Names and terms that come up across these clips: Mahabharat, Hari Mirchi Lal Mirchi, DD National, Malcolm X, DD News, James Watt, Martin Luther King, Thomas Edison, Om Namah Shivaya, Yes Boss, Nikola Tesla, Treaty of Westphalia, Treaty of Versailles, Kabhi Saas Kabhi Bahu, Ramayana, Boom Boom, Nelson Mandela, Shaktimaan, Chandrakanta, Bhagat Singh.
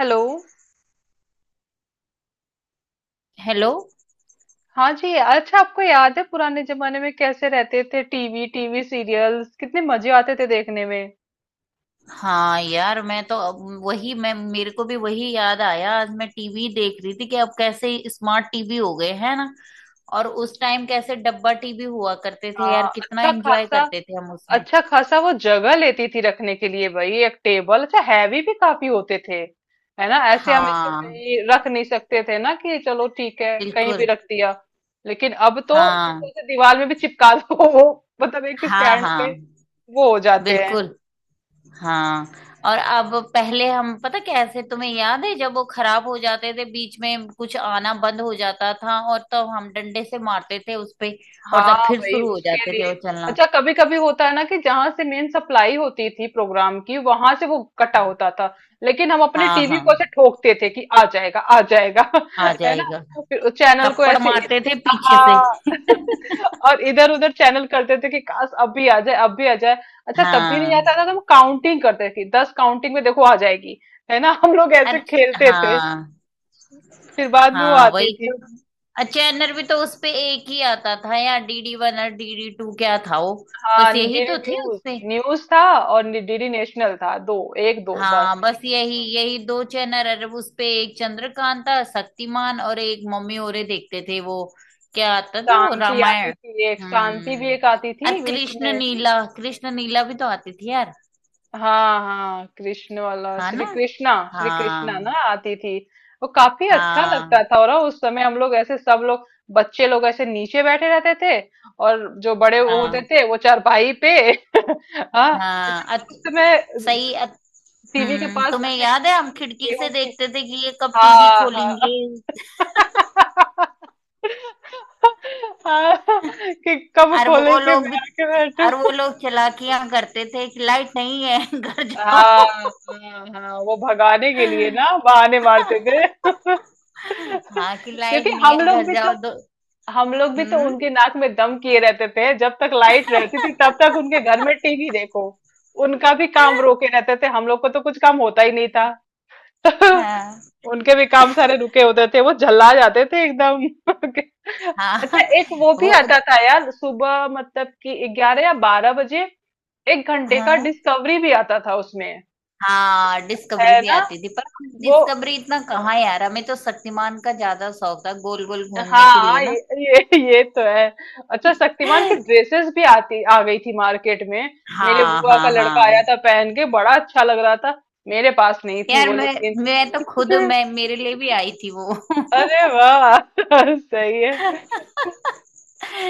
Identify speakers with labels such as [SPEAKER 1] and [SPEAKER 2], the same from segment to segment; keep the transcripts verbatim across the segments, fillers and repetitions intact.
[SPEAKER 1] Hello.
[SPEAKER 2] Hello.
[SPEAKER 1] हाँ जी, अच्छा, आपको याद है पुराने जमाने में कैसे रहते थे? टीवी टीवी सीरियल्स कितने मजे आते थे देखने में।
[SPEAKER 2] हाँ यार, मैं तो अब वही, मैं मेरे को भी वही याद आया। आज मैं टीवी देख रही थी कि अब कैसे स्मार्ट टीवी हो गए है ना। और उस टाइम कैसे डब्बा टीवी हुआ करते थे यार,
[SPEAKER 1] हाँ।
[SPEAKER 2] कितना
[SPEAKER 1] अच्छा
[SPEAKER 2] एंजॉय
[SPEAKER 1] खासा।
[SPEAKER 2] करते थे हम उसमें।
[SPEAKER 1] अच्छा खासा वो जगह लेती थी रखने के लिए भाई, एक टेबल। अच्छा, हैवी भी काफी होते थे, है ना? ऐसे हम इसको
[SPEAKER 2] हाँ,
[SPEAKER 1] कहीं रख नहीं सकते थे ना कि चलो ठीक है कहीं भी
[SPEAKER 2] बिल्कुल।
[SPEAKER 1] रख दिया। लेकिन अब तो, अब तो
[SPEAKER 2] हाँ,
[SPEAKER 1] उसे दीवार में भी चिपका दो, वो मतलब एक
[SPEAKER 2] हाँ,
[SPEAKER 1] स्टैंड पे
[SPEAKER 2] हाँ।
[SPEAKER 1] वो हो जाते हैं।
[SPEAKER 2] बिल्कुल। हाँ, और अब पहले हम पता कैसे तुम्हें याद है जब वो खराब हो जाते थे, बीच में कुछ आना बंद हो जाता था और तब हम डंडे से मारते थे उस पे। और
[SPEAKER 1] हाँ
[SPEAKER 2] तब फिर
[SPEAKER 1] भाई
[SPEAKER 2] शुरू हो
[SPEAKER 1] उसके
[SPEAKER 2] जाते थे
[SPEAKER 1] लिए।
[SPEAKER 2] वो चलना।
[SPEAKER 1] अच्छा, कभी कभी होता है ना कि जहां से मेन सप्लाई होती थी प्रोग्राम की, वहां से वो कटा होता था। लेकिन हम अपने
[SPEAKER 2] हाँ,
[SPEAKER 1] टीवी
[SPEAKER 2] हाँ,
[SPEAKER 1] को ऐसे ठोकते थे कि आ जाएगा आ जाएगा
[SPEAKER 2] आ
[SPEAKER 1] है ना।
[SPEAKER 2] जाएगा।
[SPEAKER 1] फिर चैनल को
[SPEAKER 2] थप्पड़
[SPEAKER 1] ऐसे,
[SPEAKER 2] मारते थे पीछे से।
[SPEAKER 1] हाँ और इधर उधर चैनल करते थे कि काश अब भी आ जाए, अब भी आ जाए। अच्छा, तब भी नहीं
[SPEAKER 2] हाँ,
[SPEAKER 1] आता था तो हम काउंटिंग करते थे, दस काउंटिंग में देखो आ जाएगी। है ना, हम लोग ऐसे
[SPEAKER 2] अच्छा।
[SPEAKER 1] खेलते थे।
[SPEAKER 2] हाँ,
[SPEAKER 1] फिर बाद में वो
[SPEAKER 2] हाँ,
[SPEAKER 1] आती
[SPEAKER 2] वही
[SPEAKER 1] थी।
[SPEAKER 2] तो, चैनर भी तो उसपे एक ही आता था यार, डीडी वन और डीडी टू, क्या था वो।
[SPEAKER 1] हाँ,
[SPEAKER 2] बस यही
[SPEAKER 1] डीडी
[SPEAKER 2] तो थे
[SPEAKER 1] न्यूज।
[SPEAKER 2] उसपे।
[SPEAKER 1] न्यूज था और डीडी नेशनल था, दो। एक दो बस।
[SPEAKER 2] हाँ, बस यही यही दो चैनल। अरे, वो उसपे एक चंद्रकांता, शक्तिमान और एक मम्मी औरे देखते थे वो। क्या आता थे वो
[SPEAKER 1] शांति आती
[SPEAKER 2] रामायण।
[SPEAKER 1] थी, एक शांति भी
[SPEAKER 2] हम्म।
[SPEAKER 1] एक आती
[SPEAKER 2] और
[SPEAKER 1] थी बीच
[SPEAKER 2] कृष्ण
[SPEAKER 1] में।
[SPEAKER 2] नीला, कृष्ण नीला भी तो आती थी यार।
[SPEAKER 1] हाँ हाँ, कृष्ण वाला
[SPEAKER 2] हाँ
[SPEAKER 1] श्री
[SPEAKER 2] ना।
[SPEAKER 1] कृष्णा। श्री कृष्णा
[SPEAKER 2] हाँ,
[SPEAKER 1] ना आती थी। वो काफी अच्छा लगता
[SPEAKER 2] हाँ,
[SPEAKER 1] था, और उस समय हम लोग ऐसे सब लोग, बच्चे लोग ऐसे नीचे बैठे रहते थे, और जो बड़े वो होते
[SPEAKER 2] हाँ,
[SPEAKER 1] थे वो चारपाई पे हाँ।
[SPEAKER 2] हाँ।
[SPEAKER 1] अच्छा,
[SPEAKER 2] अत,
[SPEAKER 1] उस समय
[SPEAKER 2] सही अत,
[SPEAKER 1] टीवी के
[SPEAKER 2] हम्म,
[SPEAKER 1] पास
[SPEAKER 2] तुम्हें
[SPEAKER 1] जैसे
[SPEAKER 2] याद है हम खिड़की
[SPEAKER 1] गेहूं
[SPEAKER 2] से
[SPEAKER 1] की,
[SPEAKER 2] देखते थे कि ये कब टीवी
[SPEAKER 1] हाँ
[SPEAKER 2] खोलेंगे।
[SPEAKER 1] हाँ हाँ, कि कब
[SPEAKER 2] और
[SPEAKER 1] खोले
[SPEAKER 2] वो
[SPEAKER 1] के
[SPEAKER 2] लोग भी
[SPEAKER 1] मैं आके
[SPEAKER 2] और वो
[SPEAKER 1] बैठू।
[SPEAKER 2] लोग चालाकियां करते थे कि लाइट नहीं है। घर
[SPEAKER 1] हाँ
[SPEAKER 2] जाओ।
[SPEAKER 1] हाँ हाँ, वो भगाने के लिए ना बहाने मारते थे
[SPEAKER 2] हाँ, कि लाइट
[SPEAKER 1] क्योंकि
[SPEAKER 2] नहीं
[SPEAKER 1] हम
[SPEAKER 2] है
[SPEAKER 1] लोग
[SPEAKER 2] घर
[SPEAKER 1] भी
[SPEAKER 2] जाओ
[SPEAKER 1] तो,
[SPEAKER 2] दो।
[SPEAKER 1] हम लोग भी तो
[SPEAKER 2] हम्म।
[SPEAKER 1] उनके नाक में दम किए रहते थे, जब तक लाइट रहती थी तब तक उनके घर में टीवी देखो। उनका भी काम रोके रहते थे, हम लोग को तो कुछ काम होता ही नहीं था
[SPEAKER 2] हाँ,
[SPEAKER 1] उनके भी काम सारे रुके होते थे, वो झल्ला जाते थे एकदम अच्छा,
[SPEAKER 2] हाँ,
[SPEAKER 1] एक वो भी
[SPEAKER 2] वो।
[SPEAKER 1] आता था यार, सुबह मतलब कि ग्यारह या बारह बजे एक घंटे का
[SPEAKER 2] हाँ,
[SPEAKER 1] डिस्कवरी भी आता था उसमें।
[SPEAKER 2] हाँ, डिस्कवरी
[SPEAKER 1] है
[SPEAKER 2] भी
[SPEAKER 1] ना।
[SPEAKER 2] आती थी, पर हम
[SPEAKER 1] वो,
[SPEAKER 2] डिस्कवरी इतना कहाँ यार, हमें तो शक्तिमान का ज्यादा शौक था गोल गोल घूमने के लिए
[SPEAKER 1] हाँ,
[SPEAKER 2] ना।
[SPEAKER 1] ये ये, ये तो है। अच्छा, शक्तिमान की ड्रेसेस भी आती आ गई थी मार्केट में। मेरे
[SPEAKER 2] हाँ,
[SPEAKER 1] बुआ का
[SPEAKER 2] हाँ,
[SPEAKER 1] लड़का आया
[SPEAKER 2] हाँ।
[SPEAKER 1] था पहन के, बड़ा अच्छा लग रहा था। मेरे पास नहीं थी
[SPEAKER 2] यार
[SPEAKER 1] वो,
[SPEAKER 2] मैं
[SPEAKER 1] लेकिन
[SPEAKER 2] मैं तो खुद, मैं मेरे लिए भी आई थी वो।
[SPEAKER 1] अरे वाह सही है।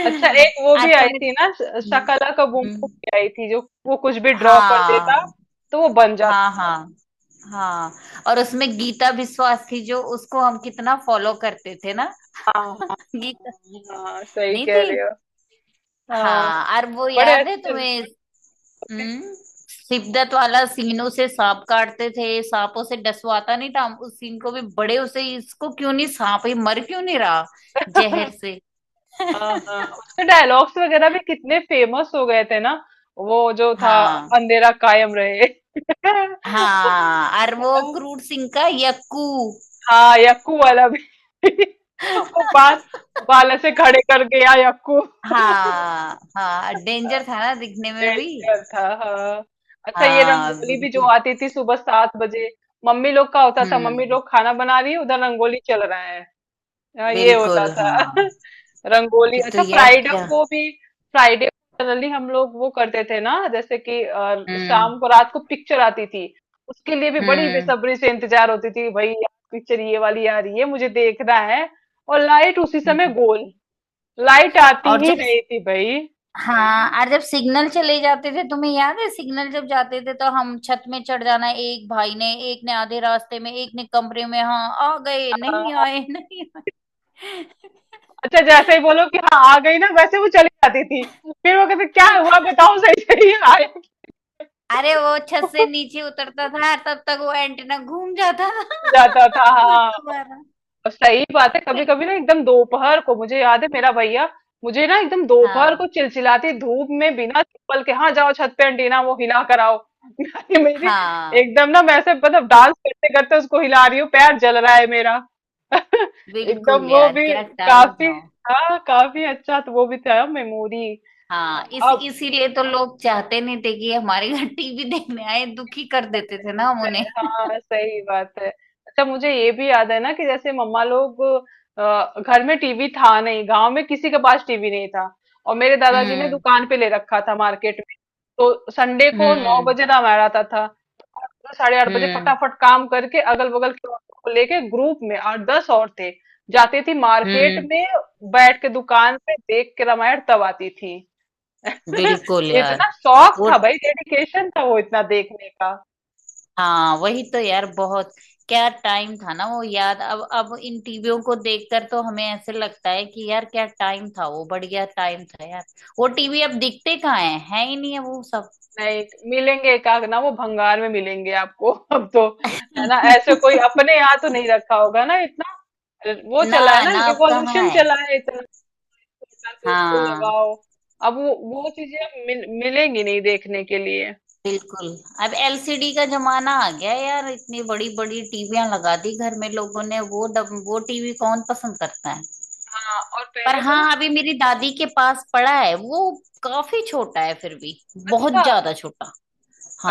[SPEAKER 1] अच्छा, एक वो
[SPEAKER 2] आज
[SPEAKER 1] भी आई
[SPEAKER 2] तो मेरे,
[SPEAKER 1] थी ना, श- शकला का बूम
[SPEAKER 2] हम्म,
[SPEAKER 1] बूम भी आई थी, जो वो कुछ भी ड्रॉ कर देता
[SPEAKER 2] हाँ,
[SPEAKER 1] तो वो बन जाता।
[SPEAKER 2] हाँ, हाँ, हाँ। और उसमें गीता विश्वास थी जो, उसको हम कितना फॉलो करते थे ना।
[SPEAKER 1] हाँ हाँ
[SPEAKER 2] गीता
[SPEAKER 1] हाँ, हाँ, सही
[SPEAKER 2] नहीं
[SPEAKER 1] कह रहे
[SPEAKER 2] थी।
[SPEAKER 1] हो। हाँ,
[SPEAKER 2] हाँ, और वो
[SPEAKER 1] बड़े
[SPEAKER 2] याद है
[SPEAKER 1] अच्छे लगते
[SPEAKER 2] तुम्हें।
[SPEAKER 1] थे।
[SPEAKER 2] हम्म। शिवदत्त वाला सीनों से सांप काटते थे, सांपों से डसवाता नहीं था, हम उस सीन को भी बड़े, उसे इसको क्यों नहीं सांप ये मर क्यों नहीं रहा जहर से।
[SPEAKER 1] हाँ हाँ, उसके डायलॉग्स वगैरह भी कितने फेमस हो गए थे ना, वो जो था
[SPEAKER 2] हाँ,
[SPEAKER 1] अंधेरा कायम रहे
[SPEAKER 2] हाँ, और वो क्रूर सिंह का यक्कू।
[SPEAKER 1] हाँ, यक्कू वाला भी वो बाल बाल ऐसे खड़े कर गया यक्कू।
[SPEAKER 2] हाँ, हाँ, डेंजर था ना दिखने में भी।
[SPEAKER 1] डेंजर था हाँ। अच्छा, ये
[SPEAKER 2] हाँ,
[SPEAKER 1] रंगोली भी जो
[SPEAKER 2] बिल्कुल।
[SPEAKER 1] आती थी सुबह सात बजे, मम्मी लोग का होता था, मम्मी
[SPEAKER 2] हम्म।
[SPEAKER 1] लोग खाना बना रही है उधर रंगोली चल रहा है। हाँ, ये होता
[SPEAKER 2] बिल्कुल।
[SPEAKER 1] था
[SPEAKER 2] हाँ,
[SPEAKER 1] रंगोली।
[SPEAKER 2] कि तो
[SPEAKER 1] अच्छा,
[SPEAKER 2] यार
[SPEAKER 1] फ्राइडे
[SPEAKER 2] क्या।
[SPEAKER 1] को भी, फ्राइडे को जनरली हम लोग वो करते थे ना जैसे कि अ,
[SPEAKER 2] हम्म।
[SPEAKER 1] शाम को, रात को पिक्चर आती थी, उसके लिए भी बड़ी
[SPEAKER 2] हम्म।
[SPEAKER 1] बेसब्री से इंतजार होती थी भाई, यार पिक्चर ये वाली आ रही है मुझे देखना है। और लाइट उसी समय
[SPEAKER 2] हम्म।
[SPEAKER 1] गोल, लाइट आती
[SPEAKER 2] और
[SPEAKER 1] ही
[SPEAKER 2] जब
[SPEAKER 1] नहीं थी भाई।
[SPEAKER 2] हाँ, और जब सिग्नल चले जाते थे, तुम्हें याद है, सिग्नल जब जाते थे तो हम छत में चढ़ जाना, एक भाई ने, एक ने आधे रास्ते में, एक ने कमरे में, हाँ आ गए, नहीं
[SPEAKER 1] हाँ।
[SPEAKER 2] आए, नहीं आए।
[SPEAKER 1] अच्छा, जैसे ही बोलो कि हाँ आ गई ना, वैसे वो चली जाती थी, फिर वो कहते क्या हुआ बताओ, सही सही आया
[SPEAKER 2] अरे, वो छत से नीचे उतरता था तब तक वो एंटीना घूम जाता था।
[SPEAKER 1] जाता था
[SPEAKER 2] फिर
[SPEAKER 1] हाँ।
[SPEAKER 2] दोबारा।
[SPEAKER 1] और सही बात है, कभी
[SPEAKER 2] फिर।
[SPEAKER 1] कभी ना एकदम दोपहर को मुझे याद है, मेरा भैया मुझे ना एकदम दोपहर
[SPEAKER 2] हाँ,
[SPEAKER 1] को चिलचिलाती धूप में बिना चप्पल के, हाँ जाओ छत पे एंटीना वो हिला कराओ मेरी
[SPEAKER 2] हाँ,
[SPEAKER 1] एकदम ना मैं ऐसे मतलब डांस करते करते उसको हिला रही हूँ, पैर जल रहा है मेरा एकदम
[SPEAKER 2] बिल्कुल
[SPEAKER 1] वो
[SPEAKER 2] यार,
[SPEAKER 1] भी,
[SPEAKER 2] क्या टाइम
[SPEAKER 1] काफी,
[SPEAKER 2] था।
[SPEAKER 1] हाँ काफी। अच्छा, तो वो भी था मेमोरी।
[SPEAKER 2] हाँ, इस
[SPEAKER 1] अब
[SPEAKER 2] इसीलिए तो लोग चाहते नहीं थे कि हमारे घर टीवी देखने आए, दुखी कर देते थे ना हम
[SPEAKER 1] सही,
[SPEAKER 2] उन्हें।
[SPEAKER 1] हाँ सही बात है। अच्छा, मुझे ये भी याद है ना कि जैसे मम्मा लोग, अ, घर में टीवी था नहीं, गांव में किसी के पास टीवी नहीं था और मेरे दादाजी ने
[SPEAKER 2] हम्म।
[SPEAKER 1] दुकान पे ले रखा था मार्केट में। तो संडे को नौ
[SPEAKER 2] हम्म।
[SPEAKER 1] बजे दाम आ रहा था तो साढ़े आठ बजे
[SPEAKER 2] हम्म।
[SPEAKER 1] फटाफट काम करके, अगल बगल के औरतों को लेके ग्रुप में आठ दस औरतें जाती थी मार्केट
[SPEAKER 2] हम्म।
[SPEAKER 1] में, बैठ के दुकान पे देख के, रामायण तब आती थी
[SPEAKER 2] बिल्कुल यार।
[SPEAKER 1] इतना शौक
[SPEAKER 2] वो।
[SPEAKER 1] था भाई, डेडिकेशन था वो इतना देखने।
[SPEAKER 2] हाँ, वही तो यार, बहुत क्या टाइम था ना वो, याद अब अब इन टीवियों को देखकर तो हमें ऐसे लगता है कि यार क्या टाइम था वो, बढ़िया टाइम था यार। वो टीवी अब दिखते कहाँ है, है ही नहीं है वो सब।
[SPEAKER 1] नहीं मिलेंगे, एकाक ना वो भंगार में मिलेंगे आपको अब तो। है ना, ऐसे कोई अपने यहाँ तो नहीं रखा होगा ना इतना, वो
[SPEAKER 2] ना,
[SPEAKER 1] चला है ना
[SPEAKER 2] ना, अब कहाँ
[SPEAKER 1] रिवॉल्यूशन
[SPEAKER 2] है।
[SPEAKER 1] चला है, इतना छोटा कि इसको
[SPEAKER 2] हाँ,
[SPEAKER 1] लगाओ। अब वो वो चीजें अब मिल, मिलेंगी नहीं देखने के लिए।
[SPEAKER 2] बिल्कुल। अब एलसीडी का जमाना आ गया यार, इतनी बड़ी बड़ी टीवियां लगा दी घर में लोगों ने। वो डब, वो टीवी कौन पसंद करता है।
[SPEAKER 1] हाँ और
[SPEAKER 2] पर
[SPEAKER 1] पहले तो ना,
[SPEAKER 2] हाँ, अभी मेरी दादी के पास पड़ा है वो, काफी छोटा है फिर भी,
[SPEAKER 1] अच्छा।
[SPEAKER 2] बहुत ज्यादा छोटा।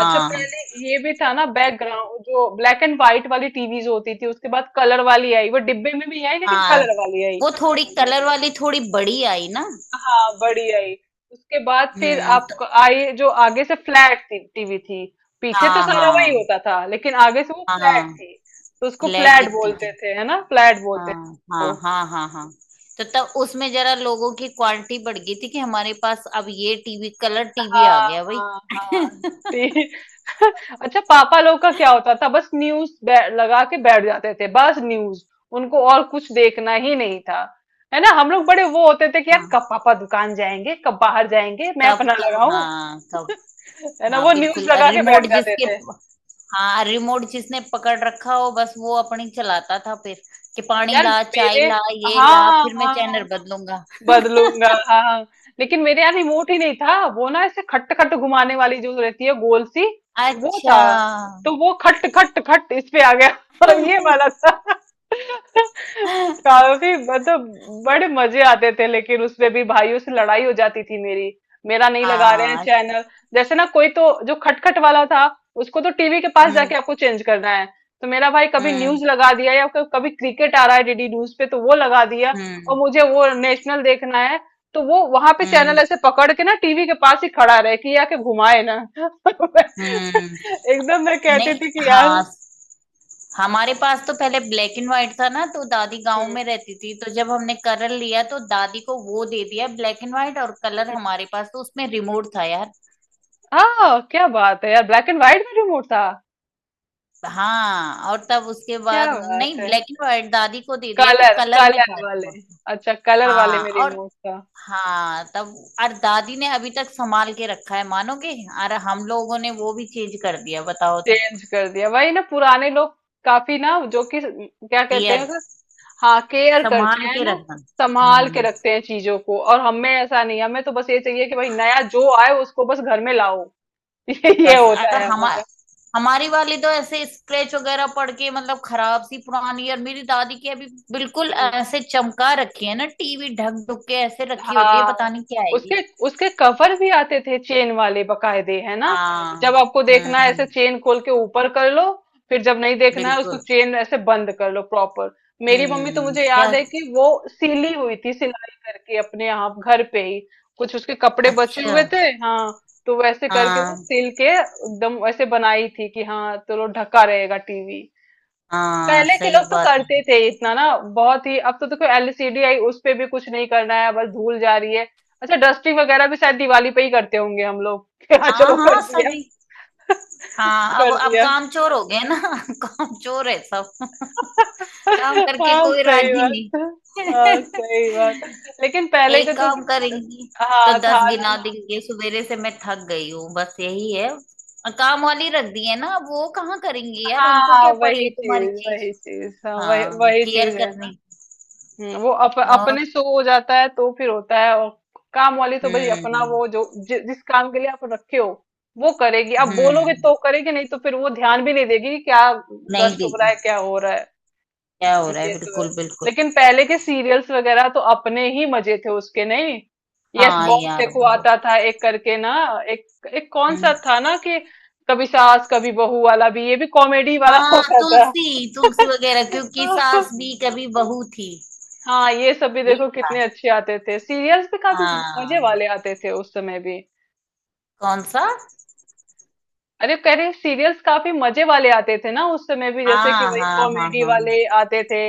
[SPEAKER 1] अच्छा पहले ये भी था ना बैकग्राउंड, जो ब्लैक एंड व्हाइट वाली टीवीज होती थी, उसके बाद कलर वाली आई, वो डिब्बे में भी आई लेकिन
[SPEAKER 2] हाँ,
[SPEAKER 1] कलर वाली आई।
[SPEAKER 2] वो थोड़ी कलर वाली थोड़ी बड़ी आई ना।
[SPEAKER 1] हाँ बड़ी आई, उसके बाद फिर
[SPEAKER 2] हम्म। तो
[SPEAKER 1] आप आई जो आगे से फ्लैट टीवी थी, पीछे तो
[SPEAKER 2] हाँ,
[SPEAKER 1] सारा वही
[SPEAKER 2] हाँ,
[SPEAKER 1] होता था लेकिन आगे से वो फ्लैट
[SPEAKER 2] हाँ,
[SPEAKER 1] थी, तो उसको
[SPEAKER 2] फ्लैट
[SPEAKER 1] फ्लैट
[SPEAKER 2] दिखती
[SPEAKER 1] बोलते
[SPEAKER 2] थी।
[SPEAKER 1] थे, है ना, फ्लैट बोलते थे
[SPEAKER 2] हाँ,
[SPEAKER 1] उसको।
[SPEAKER 2] हाँ, हाँ, हाँ, हाँ। तो तब उसमें जरा लोगों की क्वालिटी बढ़ गई थी कि हमारे पास अब ये टीवी, कलर टीवी आ
[SPEAKER 1] हाँ
[SPEAKER 2] गया भाई।
[SPEAKER 1] हाँ हाँ। ते- अच्छा, पापा लोग का क्या होता था? बस न्यूज लगा के बैठ जाते थे, बस न्यूज। उनको और कुछ देखना ही नहीं था, है ना, हम लोग बड़े वो होते थे कि यार कब
[SPEAKER 2] हाँ,
[SPEAKER 1] पापा दुकान जाएंगे, कब बाहर जाएंगे, मैं
[SPEAKER 2] कब
[SPEAKER 1] अपना
[SPEAKER 2] कब,
[SPEAKER 1] लगाऊं
[SPEAKER 2] हाँ कब।
[SPEAKER 1] है ना,
[SPEAKER 2] हाँ,
[SPEAKER 1] वो न्यूज
[SPEAKER 2] बिल्कुल,
[SPEAKER 1] लगा के
[SPEAKER 2] रिमोट
[SPEAKER 1] बैठ जाते
[SPEAKER 2] जिसके।
[SPEAKER 1] थे।
[SPEAKER 2] हाँ, रिमोट जिसने पकड़ रखा हो बस, वो अपनी चलाता था। फिर कि पानी
[SPEAKER 1] यार
[SPEAKER 2] ला, चाय
[SPEAKER 1] मेरे,
[SPEAKER 2] ला, ये ला,
[SPEAKER 1] हाँ
[SPEAKER 2] फिर मैं चैनल
[SPEAKER 1] हाँ
[SPEAKER 2] बदलूंगा।
[SPEAKER 1] बदलूंगा हाँ हाँ। लेकिन मेरे यहाँ रिमोट ही नहीं था, वो ना ऐसे खट खट घुमाने वाली जो रहती है गोल सी, वो
[SPEAKER 2] अच्छा।
[SPEAKER 1] था। तो वो खट खट खट इस पे आ गया और ये वाला था काफी, मतलब बड़े मजे आते थे, लेकिन उसमें भी भाइयों से लड़ाई हो जाती थी मेरी, मेरा नहीं लगा रहे हैं
[SPEAKER 2] हाँ।
[SPEAKER 1] चैनल। जैसे ना कोई तो जो खटखट वाला था, उसको तो टीवी के पास
[SPEAKER 2] हम्म।
[SPEAKER 1] जाके आपको चेंज करना है, तो मेरा भाई कभी
[SPEAKER 2] हम्म।
[SPEAKER 1] न्यूज लगा दिया, या कभी क्रिकेट आ रहा है डीडी न्यूज पे तो वो लगा दिया, और
[SPEAKER 2] हम्म।
[SPEAKER 1] मुझे वो नेशनल देखना है, तो वो वहां पे
[SPEAKER 2] हम्म।
[SPEAKER 1] चैनल ऐसे पकड़ के ना टीवी के पास ही खड़ा रहे कि ये आके घुमाए ना
[SPEAKER 2] हम्म।
[SPEAKER 1] एकदम मैं कहती
[SPEAKER 2] नहीं।
[SPEAKER 1] थी कि यार,
[SPEAKER 2] हाँ, हमारे पास तो पहले ब्लैक एंड व्हाइट था ना, तो दादी गांव
[SPEAKER 1] हम्म,
[SPEAKER 2] में रहती थी, तो जब हमने कलर लिया तो दादी को वो दे दिया ब्लैक एंड व्हाइट, और कलर हमारे पास, तो उसमें रिमोट था यार।
[SPEAKER 1] हाँ क्या बात है यार, ब्लैक एंड व्हाइट में रिमोट था।
[SPEAKER 2] हाँ, और तब उसके
[SPEAKER 1] क्या
[SPEAKER 2] बाद
[SPEAKER 1] बात
[SPEAKER 2] नहीं,
[SPEAKER 1] है,
[SPEAKER 2] ब्लैक एंड व्हाइट दादी को दे दिया तो
[SPEAKER 1] कलर
[SPEAKER 2] कलर में था
[SPEAKER 1] कलर वाले।
[SPEAKER 2] वो।
[SPEAKER 1] अच्छा, कलर वाले
[SPEAKER 2] हाँ,
[SPEAKER 1] में
[SPEAKER 2] और
[SPEAKER 1] रिमोट था।
[SPEAKER 2] हाँ तब, और दादी ने अभी तक संभाल के रखा है, मानोगे। और हम लोगों ने वो भी चेंज कर दिया, बताओ तो।
[SPEAKER 1] चेंज कर दिया वही ना, पुराने लोग काफी ना, जो कि क्या कहते
[SPEAKER 2] केयर।
[SPEAKER 1] हैं, हाँ केयर करते
[SPEAKER 2] संभाल
[SPEAKER 1] हैं
[SPEAKER 2] के
[SPEAKER 1] ना,
[SPEAKER 2] रखना।
[SPEAKER 1] संभाल के
[SPEAKER 2] हम्म।
[SPEAKER 1] रखते हैं चीजों को, और हमें ऐसा नहीं, हमें तो बस ये चाहिए कि भाई नया जो आए उसको बस घर में लाओ ये ये
[SPEAKER 2] बस
[SPEAKER 1] होता
[SPEAKER 2] अरे
[SPEAKER 1] है
[SPEAKER 2] हमा
[SPEAKER 1] हमारा।
[SPEAKER 2] हमारी वाली तो ऐसे स्क्रैच वगैरह पड़ के मतलब खराब सी पुरानी, और मेरी दादी की अभी बिल्कुल ऐसे चमका रखी है ना, टीवी ढक ढुक के ऐसे रखी होती है, पता
[SPEAKER 1] हाँ,
[SPEAKER 2] नहीं क्या है ये।
[SPEAKER 1] उसके, उसके कवर भी आते थे चेन वाले बकायदे, है ना,
[SPEAKER 2] हाँ।
[SPEAKER 1] जब आपको
[SPEAKER 2] हम्म।
[SPEAKER 1] देखना है ऐसे
[SPEAKER 2] हम्म।
[SPEAKER 1] चेन खोल के ऊपर कर लो, फिर जब नहीं देखना है उसको
[SPEAKER 2] बिल्कुल।
[SPEAKER 1] चेन ऐसे बंद कर लो प्रॉपर। मेरी मम्मी तो
[SPEAKER 2] हम्म।
[SPEAKER 1] मुझे
[SPEAKER 2] क्या।
[SPEAKER 1] याद है कि वो सीली हुई थी, सिलाई करके अपने यहाँ घर पे ही कुछ उसके कपड़े बचे
[SPEAKER 2] अच्छा।
[SPEAKER 1] हुए थे, हाँ। तो वैसे करके वो
[SPEAKER 2] हाँ,
[SPEAKER 1] सिल के एकदम वैसे बनाई थी कि हाँ चलो ढका रहेगा टीवी।
[SPEAKER 2] हाँ,
[SPEAKER 1] पहले के
[SPEAKER 2] सही
[SPEAKER 1] लोग तो
[SPEAKER 2] बात
[SPEAKER 1] करते
[SPEAKER 2] है।
[SPEAKER 1] थे इतना ना, बहुत ही, अब तो देखो एलसीडी आई, उस पे भी कुछ नहीं करना है, बस धूल जा रही है। अच्छा, डस्टिंग वगैरह भी शायद दिवाली पे ही करते होंगे हम लोग कि हाँ चलो
[SPEAKER 2] हाँ,
[SPEAKER 1] कर
[SPEAKER 2] हाँ,
[SPEAKER 1] दिया
[SPEAKER 2] सभी। हाँ, अब
[SPEAKER 1] कर
[SPEAKER 2] अब
[SPEAKER 1] दिया
[SPEAKER 2] काम चोर हो गए ना। काम चोर है सब। काम करके
[SPEAKER 1] हाँ
[SPEAKER 2] कोई
[SPEAKER 1] सही
[SPEAKER 2] राजी
[SPEAKER 1] बात,
[SPEAKER 2] नहीं।
[SPEAKER 1] हाँ सही बात। लेकिन पहले के
[SPEAKER 2] एक
[SPEAKER 1] तो,
[SPEAKER 2] काम करेंगी तो
[SPEAKER 1] हाँ, था
[SPEAKER 2] दस
[SPEAKER 1] ना।
[SPEAKER 2] गिना देंगे, सवेरे से मैं थक गई हूँ बस यही है, और काम वाली रख दी है ना, अब वो कहाँ करेंगी यार, उनको
[SPEAKER 1] हाँ
[SPEAKER 2] क्या पड़ी
[SPEAKER 1] वही
[SPEAKER 2] है तुम्हारी
[SPEAKER 1] चीज
[SPEAKER 2] चीज।
[SPEAKER 1] वही चीज, हाँ, वही
[SPEAKER 2] हाँ,
[SPEAKER 1] वही
[SPEAKER 2] केयर
[SPEAKER 1] चीज है।
[SPEAKER 2] करने की।
[SPEAKER 1] हम्म, वो अप,
[SPEAKER 2] और।
[SPEAKER 1] अपने से हो जाता है तो फिर होता है, और काम वाली तो भाई अपना
[SPEAKER 2] हम्म।
[SPEAKER 1] वो जो जि, जिस काम के लिए आप रखे हो वो करेगी, आप बोलोगे तो
[SPEAKER 2] हम्म।
[SPEAKER 1] करेगी, नहीं तो फिर वो ध्यान भी नहीं देगी कि क्या
[SPEAKER 2] नहीं
[SPEAKER 1] डस्ट हो रहा है,
[SPEAKER 2] देगी।
[SPEAKER 1] क्या हो रहा है।
[SPEAKER 2] क्या हो
[SPEAKER 1] हम्म,
[SPEAKER 2] रहा है,
[SPEAKER 1] ये तो है।
[SPEAKER 2] बिल्कुल बिल्कुल।
[SPEAKER 1] लेकिन पहले के सीरियल्स वगैरह तो अपने ही मजे थे उसके, नहीं। यस
[SPEAKER 2] हाँ
[SPEAKER 1] बॉस
[SPEAKER 2] यार,
[SPEAKER 1] देखो
[SPEAKER 2] बहुत।
[SPEAKER 1] आता था, एक करके ना, एक एक कौन सा
[SPEAKER 2] हम्म।
[SPEAKER 1] था ना कि, कभी सास कभी बहू वाला भी, ये भी कॉमेडी वाला
[SPEAKER 2] हाँ
[SPEAKER 1] होता था।
[SPEAKER 2] तुलसी, तुलसी वगैरह, क्योंकि सास भी कभी बहू थी।
[SPEAKER 1] हाँ, ये सब भी
[SPEAKER 2] ये
[SPEAKER 1] देखो
[SPEAKER 2] था।
[SPEAKER 1] कितने अच्छे आते थे सीरियल्स भी, काफी मजे
[SPEAKER 2] हाँ।
[SPEAKER 1] वाले आते थे उस समय भी।
[SPEAKER 2] कौन सा।
[SPEAKER 1] अरे कह रहे सीरियल्स काफी मजे वाले आते थे ना उस समय भी, जैसे कि
[SPEAKER 2] हाँ,
[SPEAKER 1] वही
[SPEAKER 2] हाँ, हाँ,
[SPEAKER 1] कॉमेडी
[SPEAKER 2] हाँ।
[SPEAKER 1] वाले आते थे।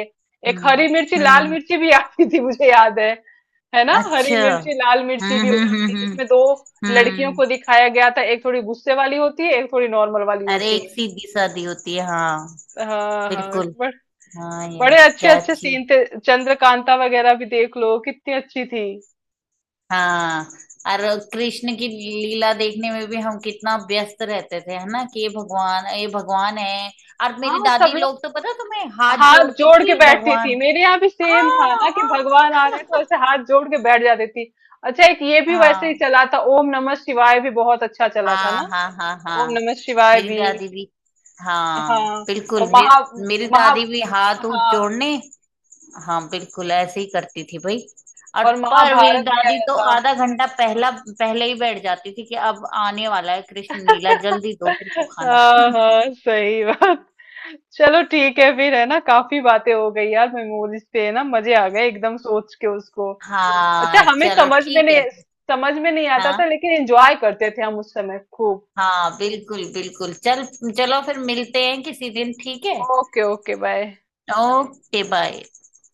[SPEAKER 1] एक
[SPEAKER 2] हम्म।
[SPEAKER 1] हरी मिर्ची लाल
[SPEAKER 2] हम्म।
[SPEAKER 1] मिर्ची भी आती थी मुझे याद है है ना, हरी
[SPEAKER 2] अच्छा।
[SPEAKER 1] मिर्ची लाल मिर्ची
[SPEAKER 2] हम्म।
[SPEAKER 1] भी
[SPEAKER 2] हम्म।
[SPEAKER 1] होती थी
[SPEAKER 2] हम्म।
[SPEAKER 1] जिसमें दो
[SPEAKER 2] हम्म।
[SPEAKER 1] लड़कियों
[SPEAKER 2] हम्म।
[SPEAKER 1] को दिखाया गया था, एक थोड़ी गुस्से वाली होती है, एक थोड़ी नॉर्मल वाली
[SPEAKER 2] अरे,
[SPEAKER 1] होती
[SPEAKER 2] एक
[SPEAKER 1] है।
[SPEAKER 2] सीधी शादी होती है हाँ।
[SPEAKER 1] हाँ हाँ
[SPEAKER 2] बिल्कुल।
[SPEAKER 1] बड़,
[SPEAKER 2] हाँ
[SPEAKER 1] बड़े
[SPEAKER 2] यार,
[SPEAKER 1] अच्छे
[SPEAKER 2] क्या
[SPEAKER 1] अच्छे
[SPEAKER 2] अच्छी।
[SPEAKER 1] सीन थे, चंद्रकांता वगैरह भी देख लो कितनी अच्छी थी।
[SPEAKER 2] हाँ, और कृष्ण की लीला देखने में भी हम कितना व्यस्त रहते थे है ना कि ये भगवान, ये भगवान है। और मेरी
[SPEAKER 1] हाँ, सब
[SPEAKER 2] दादी
[SPEAKER 1] लोग
[SPEAKER 2] लोग तो पता तुम्हें, हाथ
[SPEAKER 1] हाथ
[SPEAKER 2] जोड़ती
[SPEAKER 1] जोड़ के
[SPEAKER 2] थी
[SPEAKER 1] बैठती थी,
[SPEAKER 2] भगवान।
[SPEAKER 1] मेरे यहाँ भी सेम था
[SPEAKER 2] हाँ,
[SPEAKER 1] ना, कि
[SPEAKER 2] हाँ,
[SPEAKER 1] भगवान आ रहे हैं तो ऐसे हाथ जोड़ के बैठ जाती थी। अच्छा, एक ये भी वैसे ही
[SPEAKER 2] हाँ,
[SPEAKER 1] चला था, ओम नमः शिवाय भी बहुत अच्छा चला था
[SPEAKER 2] हाँ,
[SPEAKER 1] ना,
[SPEAKER 2] हाँ, हाँ।
[SPEAKER 1] ओम
[SPEAKER 2] हाँ,
[SPEAKER 1] नमः शिवाय
[SPEAKER 2] मेरी
[SPEAKER 1] भी।
[SPEAKER 2] दादी भी। हाँ,
[SPEAKER 1] हाँ
[SPEAKER 2] बिल्कुल,
[SPEAKER 1] और महा
[SPEAKER 2] मेरी मेरी
[SPEAKER 1] महा
[SPEAKER 2] दादी भी हाथ ऊथ
[SPEAKER 1] हाँ
[SPEAKER 2] जोड़ने। हाँ, बिल्कुल ऐसे ही करती थी भाई। और।
[SPEAKER 1] और
[SPEAKER 2] पर मेरी
[SPEAKER 1] महाभारत भी
[SPEAKER 2] दादी
[SPEAKER 1] आया
[SPEAKER 2] तो
[SPEAKER 1] था।
[SPEAKER 2] आधा घंटा पहला पहले ही बैठ जाती थी कि अब आने वाला है कृष्ण लीला, जल्दी दो मेरे को खाना।
[SPEAKER 1] हाँ हाँ सही बात। चलो ठीक है फिर, है ना, काफी बातें हो गई यार मेमोरीज पे, है ना, मजे आ गए एकदम सोच के उसको। अच्छा
[SPEAKER 2] हाँ,
[SPEAKER 1] हमें
[SPEAKER 2] चलो
[SPEAKER 1] समझ में
[SPEAKER 2] ठीक
[SPEAKER 1] नहीं,
[SPEAKER 2] है फिर।
[SPEAKER 1] समझ में नहीं आता था
[SPEAKER 2] हाँ,
[SPEAKER 1] लेकिन एंजॉय करते थे हम उस समय खूब।
[SPEAKER 2] हाँ, बिल्कुल बिल्कुल। चल चलो फिर मिलते हैं किसी दिन, ठीक है।
[SPEAKER 1] Okay okay bye.
[SPEAKER 2] Okay, bye.